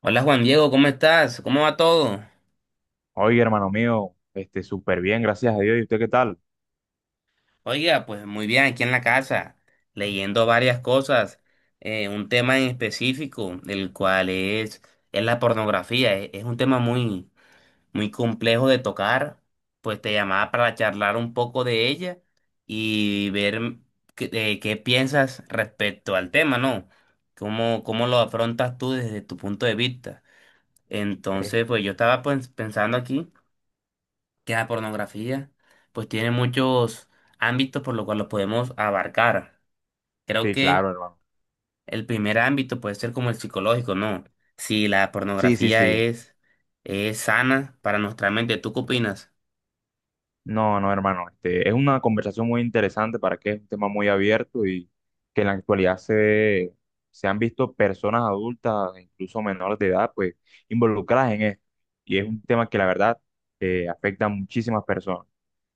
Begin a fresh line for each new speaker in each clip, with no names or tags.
Hola Juan Diego, ¿cómo estás? ¿Cómo va todo?
Oye, hermano mío, súper bien, gracias a Dios. ¿Y usted qué tal?
Oiga, pues muy bien aquí en la casa, leyendo varias cosas, un tema en específico, el cual es la pornografía. Es un tema muy, muy complejo de tocar, pues te llamaba para charlar un poco de ella y ver qué, qué piensas respecto al tema, ¿no? ¿¿Cómo lo afrontas tú desde tu punto de vista?
Este,
Entonces, pues yo estaba, pues, pensando aquí, que la pornografía pues tiene muchos ámbitos por lo cual los podemos abarcar. Creo que
claro, hermano.
el primer ámbito puede ser como el psicológico, ¿no? Si la
Sí, sí,
pornografía
sí.
es sana para nuestra mente, ¿tú qué opinas?
No, no, hermano. Es una conversación muy interesante para que es un tema muy abierto y que en la actualidad se han visto personas adultas, incluso menores de edad, pues involucradas en esto. Y es un tema que la verdad afecta a muchísimas personas.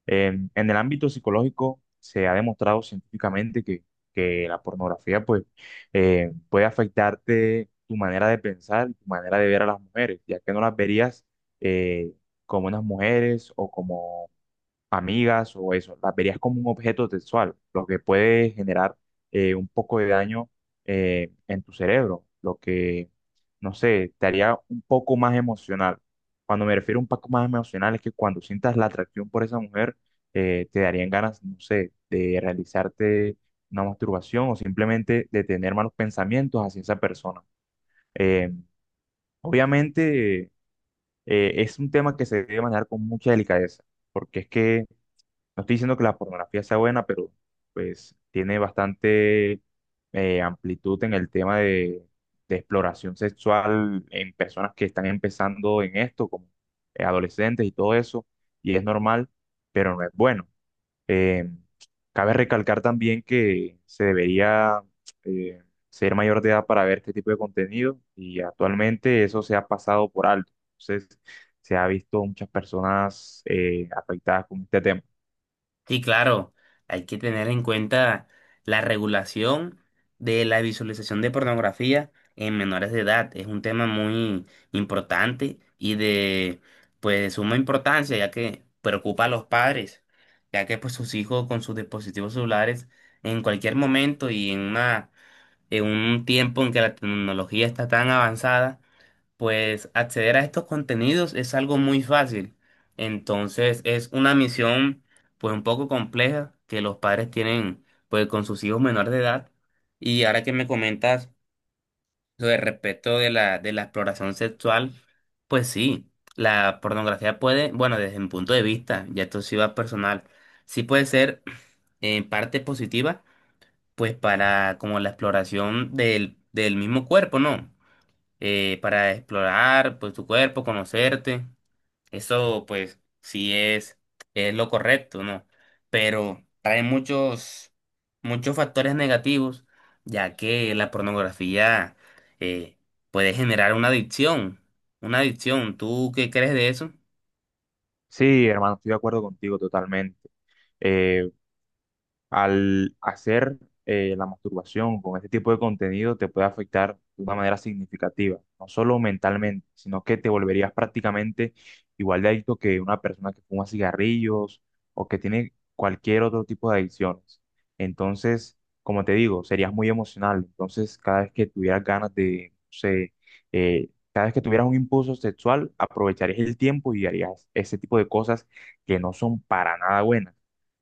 En el ámbito psicológico se ha demostrado científicamente que la pornografía pues puede afectarte tu manera de pensar, tu manera de ver a las mujeres, ya que no las verías eh, como unas mujeres o como amigas o eso, las verías como un objeto sexual, lo que puede generar un poco de daño en tu cerebro, lo que, no sé, te haría un poco más emocional. Cuando me refiero a un poco más emocional es que cuando sientas la atracción por esa mujer, te darían ganas, no sé, de realizarte una masturbación o simplemente de tener malos pensamientos hacia esa persona. Eh, Obviamente, es un tema que se debe manejar con mucha delicadeza, porque es que no estoy diciendo que la pornografía sea buena, pero pues tiene bastante amplitud en el tema de exploración sexual en personas que están empezando en esto, como adolescentes y todo eso, y es normal, pero no es bueno. Eh, Cabe recalcar también que se debería eh, ser mayor de edad para ver este tipo de contenido y actualmente eso se ha pasado por alto. Entonces, se ha visto muchas personas afectadas con este tema.
Sí, claro, hay que tener en cuenta la regulación de la visualización de pornografía en menores de edad. Es un tema muy importante y de, pues de suma importancia, ya que preocupa a los padres, ya que pues sus hijos con sus dispositivos celulares en cualquier momento y en una en un tiempo en que la tecnología está tan avanzada, pues acceder a estos contenidos es algo muy fácil. Entonces es una misión pues un poco compleja que los padres tienen pues con sus hijos menores de edad. Y ahora que me comentas sobre, respecto de la exploración sexual, pues sí, la pornografía puede, bueno, desde mi punto de vista, ya esto sí va personal, sí puede ser en parte positiva, pues para como la exploración del mismo cuerpo, ¿no? Para explorar pues tu cuerpo, conocerte. Eso pues sí es lo correcto, ¿no? Pero trae muchos, muchos factores negativos, ya que la pornografía, eh, puede generar una adicción, una adicción. ¿Tú qué crees de eso?
Sí, hermano, estoy de acuerdo contigo totalmente. Eh, Al hacer la masturbación con este tipo de contenido te puede afectar de una manera significativa, no solo mentalmente, sino que te volverías prácticamente igual de adicto que una persona que fuma cigarrillos o que tiene cualquier otro tipo de adicciones. Entonces, como te digo, serías muy emocional. Entonces, cada vez que tuvieras ganas de, no sé, cada vez que tuvieras un impulso sexual, aprovecharías el tiempo y harías ese tipo de cosas que no son para nada buenas.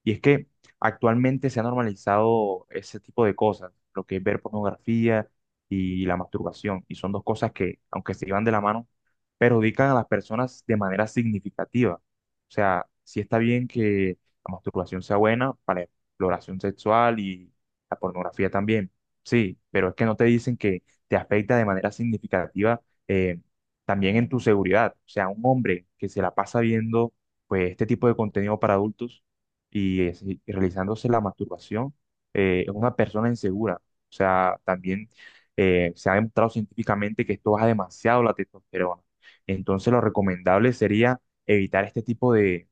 Y es que actualmente se ha normalizado ese tipo de cosas, lo que es ver pornografía y la masturbación, y son dos cosas que, aunque se llevan de la mano, perjudican a las personas de manera significativa. O sea, sí está bien que la masturbación sea buena para la exploración sexual y la pornografía también, sí, pero es que no te dicen que te afecta de manera significativa eh, también en tu seguridad. O sea, un hombre que se la pasa viendo pues este tipo de contenido para adultos y, y realizándose la masturbación es una persona insegura. O sea, también se ha demostrado científicamente que esto baja demasiado la testosterona. Entonces, lo recomendable sería evitar este tipo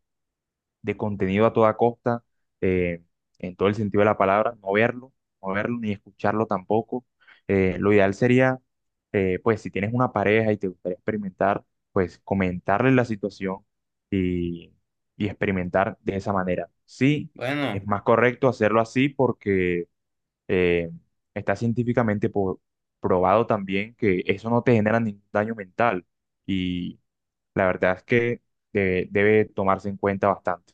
de contenido a toda costa, eh, en todo el sentido de la palabra, no verlo, no verlo ni escucharlo tampoco. Lo ideal sería, pues si tienes una pareja y te gustaría experimentar, pues comentarle la situación y, y experimentar de esa manera. Sí, es
Bueno.
más correcto hacerlo así porque eh, está científicamente probado también que eso no te genera ningún daño mental y la verdad es que debe tomarse en cuenta bastante.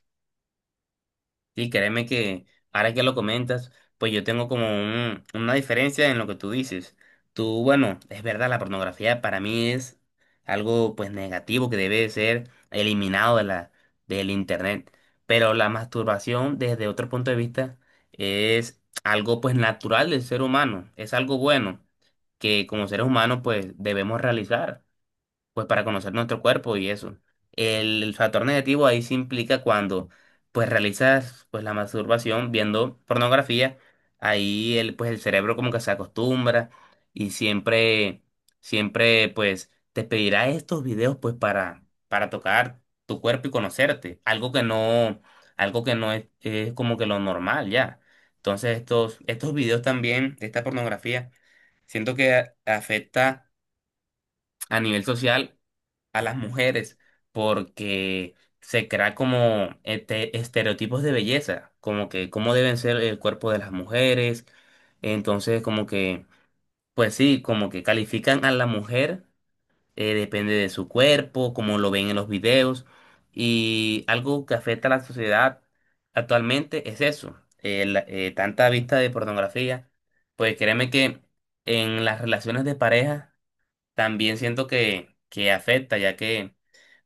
Sí, créeme que ahora que lo comentas, pues yo tengo como un- una diferencia en lo que tú dices. Tú, bueno, es verdad, la pornografía para mí es algo pues negativo que debe de ser eliminado de del internet. Pero la masturbación desde otro punto de vista es algo pues natural del ser humano, es algo bueno que como seres humanos pues debemos realizar pues para conocer nuestro cuerpo y eso. El factor negativo ahí se implica cuando pues realizas pues la masturbación viendo pornografía. Ahí el, pues el cerebro como que se acostumbra y siempre, siempre pues te pedirá estos videos pues para tocar tu cuerpo y conocerte, algo que no, algo que no es, es como que lo normal ya. Entonces, estos videos también, esta pornografía, siento que a- afecta a nivel social a las mujeres, porque se crea como este, estereotipos de belleza, como que cómo deben ser el cuerpo de las mujeres. Entonces, como que, pues sí, como que califican a la mujer, depende de su cuerpo, como lo ven en los videos. Y algo que afecta a la sociedad actualmente es eso, la- tanta vista de pornografía. Pues créeme que en las relaciones de pareja también siento que afecta, ya que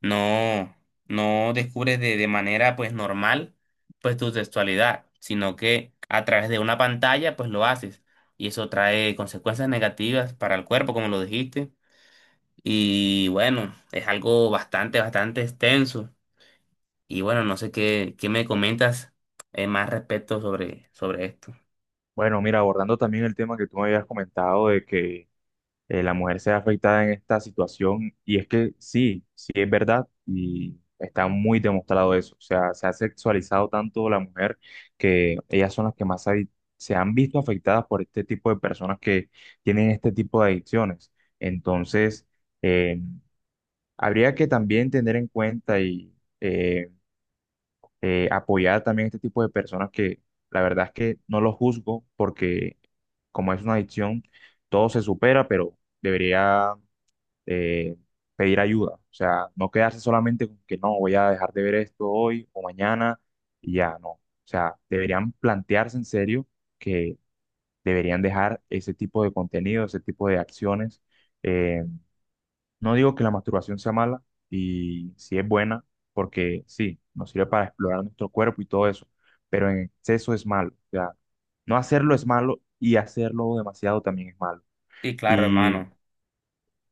no, no descubres de manera pues normal pues tu sexualidad, sino que a través de una pantalla pues lo haces. Y eso trae consecuencias negativas para el cuerpo, como lo dijiste. Y bueno, es algo bastante, bastante extenso. Y bueno, no sé qué, qué me comentas más respecto sobre, sobre esto.
Bueno, mira, abordando también el tema que tú me habías comentado de que la mujer sea afectada en esta situación, y es que sí, sí es verdad, y está muy demostrado eso. O sea, se ha sexualizado tanto la mujer que ellas son las que más se han visto afectadas por este tipo de personas que tienen este tipo de adicciones. Entonces, eh, habría que también tener en cuenta y eh, apoyar también a este tipo de personas que la verdad es que no los juzgo porque como es una adicción, todo se supera, pero debería eh, pedir ayuda. O sea, no quedarse solamente con que no, voy a dejar de ver esto hoy o mañana y ya no. O sea, deberían plantearse en serio que deberían dejar ese tipo de contenido, ese tipo de acciones, eh, no digo que la masturbación sea mala y si es buena, porque sí, nos sirve para explorar nuestro cuerpo y todo eso, pero en exceso es malo. O sea, no hacerlo es malo y hacerlo demasiado también es malo.
Sí, claro,
Y,
hermano.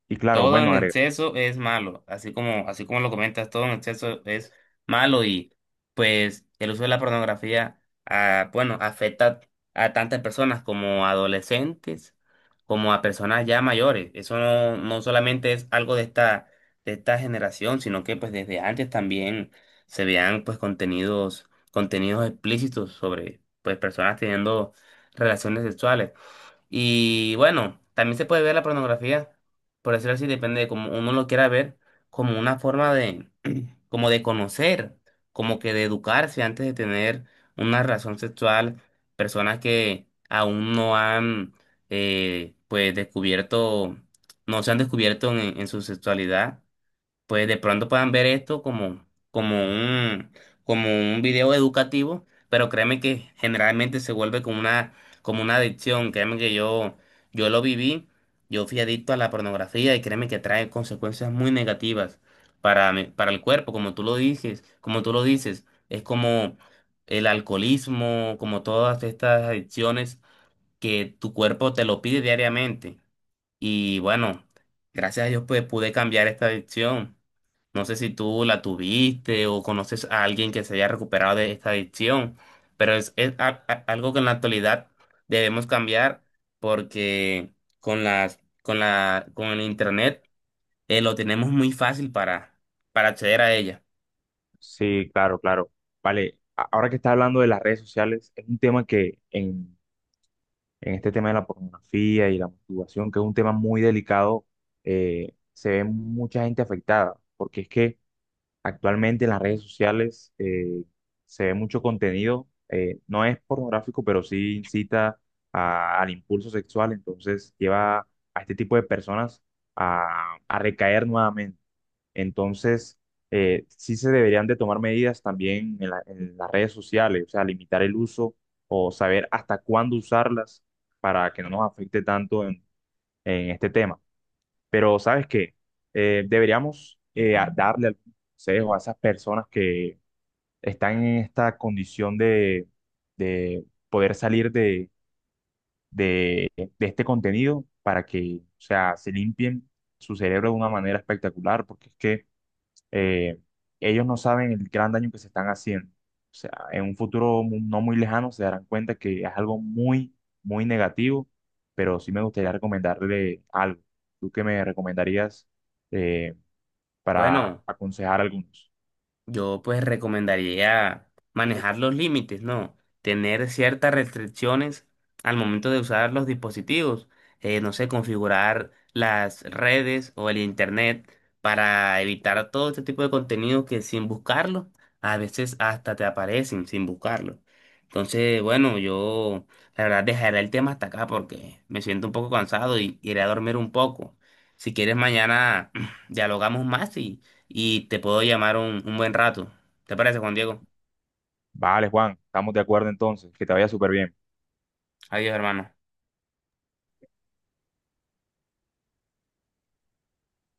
y claro,
Todo
bueno,
en
agrego.
exceso es malo, así como lo comentas, todo en exceso es malo. Y pues el uso de la pornografía, ah, bueno, afecta a tantas personas, como adolescentes, como a personas ya mayores. Eso no, no solamente es algo de esta generación, sino que pues desde antes también se vean pues contenidos, contenidos explícitos sobre pues personas teniendo relaciones sexuales. Y bueno, también se puede ver la pornografía, por decirlo así, depende de cómo uno lo quiera ver, como una forma de, como de conocer, como que de educarse antes de tener una relación sexual. Personas que aún no han, pues, descubierto, no se han descubierto en su sexualidad, pues de pronto puedan ver esto como, como un, como un video educativo, pero créeme que generalmente se vuelve como una adicción. Créeme que yo lo viví, yo fui adicto a la pornografía y créeme que trae consecuencias muy negativas para mi- para el cuerpo, como tú lo dices, como tú lo dices, es como el alcoholismo, como todas estas adicciones que tu cuerpo te lo pide diariamente. Y bueno, gracias a Dios pues pude cambiar esta adicción. No sé si tú la tuviste o conoces a alguien que se haya recuperado de esta adicción, pero es a- algo que en la actualidad debemos cambiar, porque con las, con la, con el internet, lo tenemos muy fácil para acceder a ella.
Sí, claro, claro. Vale, ahora que está hablando de las redes sociales, es un tema que en este tema de la pornografía y la masturbación, que es un tema muy delicado, se ve mucha gente afectada, porque es que actualmente en las redes sociales se ve mucho contenido, no es pornográfico, pero sí incita al impulso sexual, entonces lleva a este tipo de personas a recaer nuevamente. Entonces, sí se deberían de tomar medidas también en en las redes sociales, o sea, limitar el uso o saber hasta cuándo usarlas para que no nos afecte tanto en este tema. Pero sabes que deberíamos darle algún consejo a esas personas que están en esta condición de poder salir de, de este contenido para que, o sea, se limpien su cerebro de una manera espectacular, porque es que eh, ellos no saben el gran daño que se están haciendo. O sea, en un futuro no muy lejano se darán cuenta que es algo muy, muy negativo, pero sí me gustaría recomendarle algo. ¿Tú qué me recomendarías eh, para
Bueno.
aconsejar a algunos?
Yo pues recomendaría manejar los límites, ¿no? Tener ciertas restricciones al momento de usar los dispositivos. No sé, configurar las redes o el internet para evitar todo este tipo de contenido que sin buscarlo, a veces hasta te aparecen sin buscarlo. Entonces, bueno, yo la verdad dejaré el tema hasta acá porque me siento un poco cansado y iré a dormir un poco. Si quieres, mañana dialogamos más y te puedo llamar un buen rato. ¿Te parece, Juan Diego?
Vale, Juan, estamos de acuerdo entonces, que te vaya súper bien.
Adiós, hermano.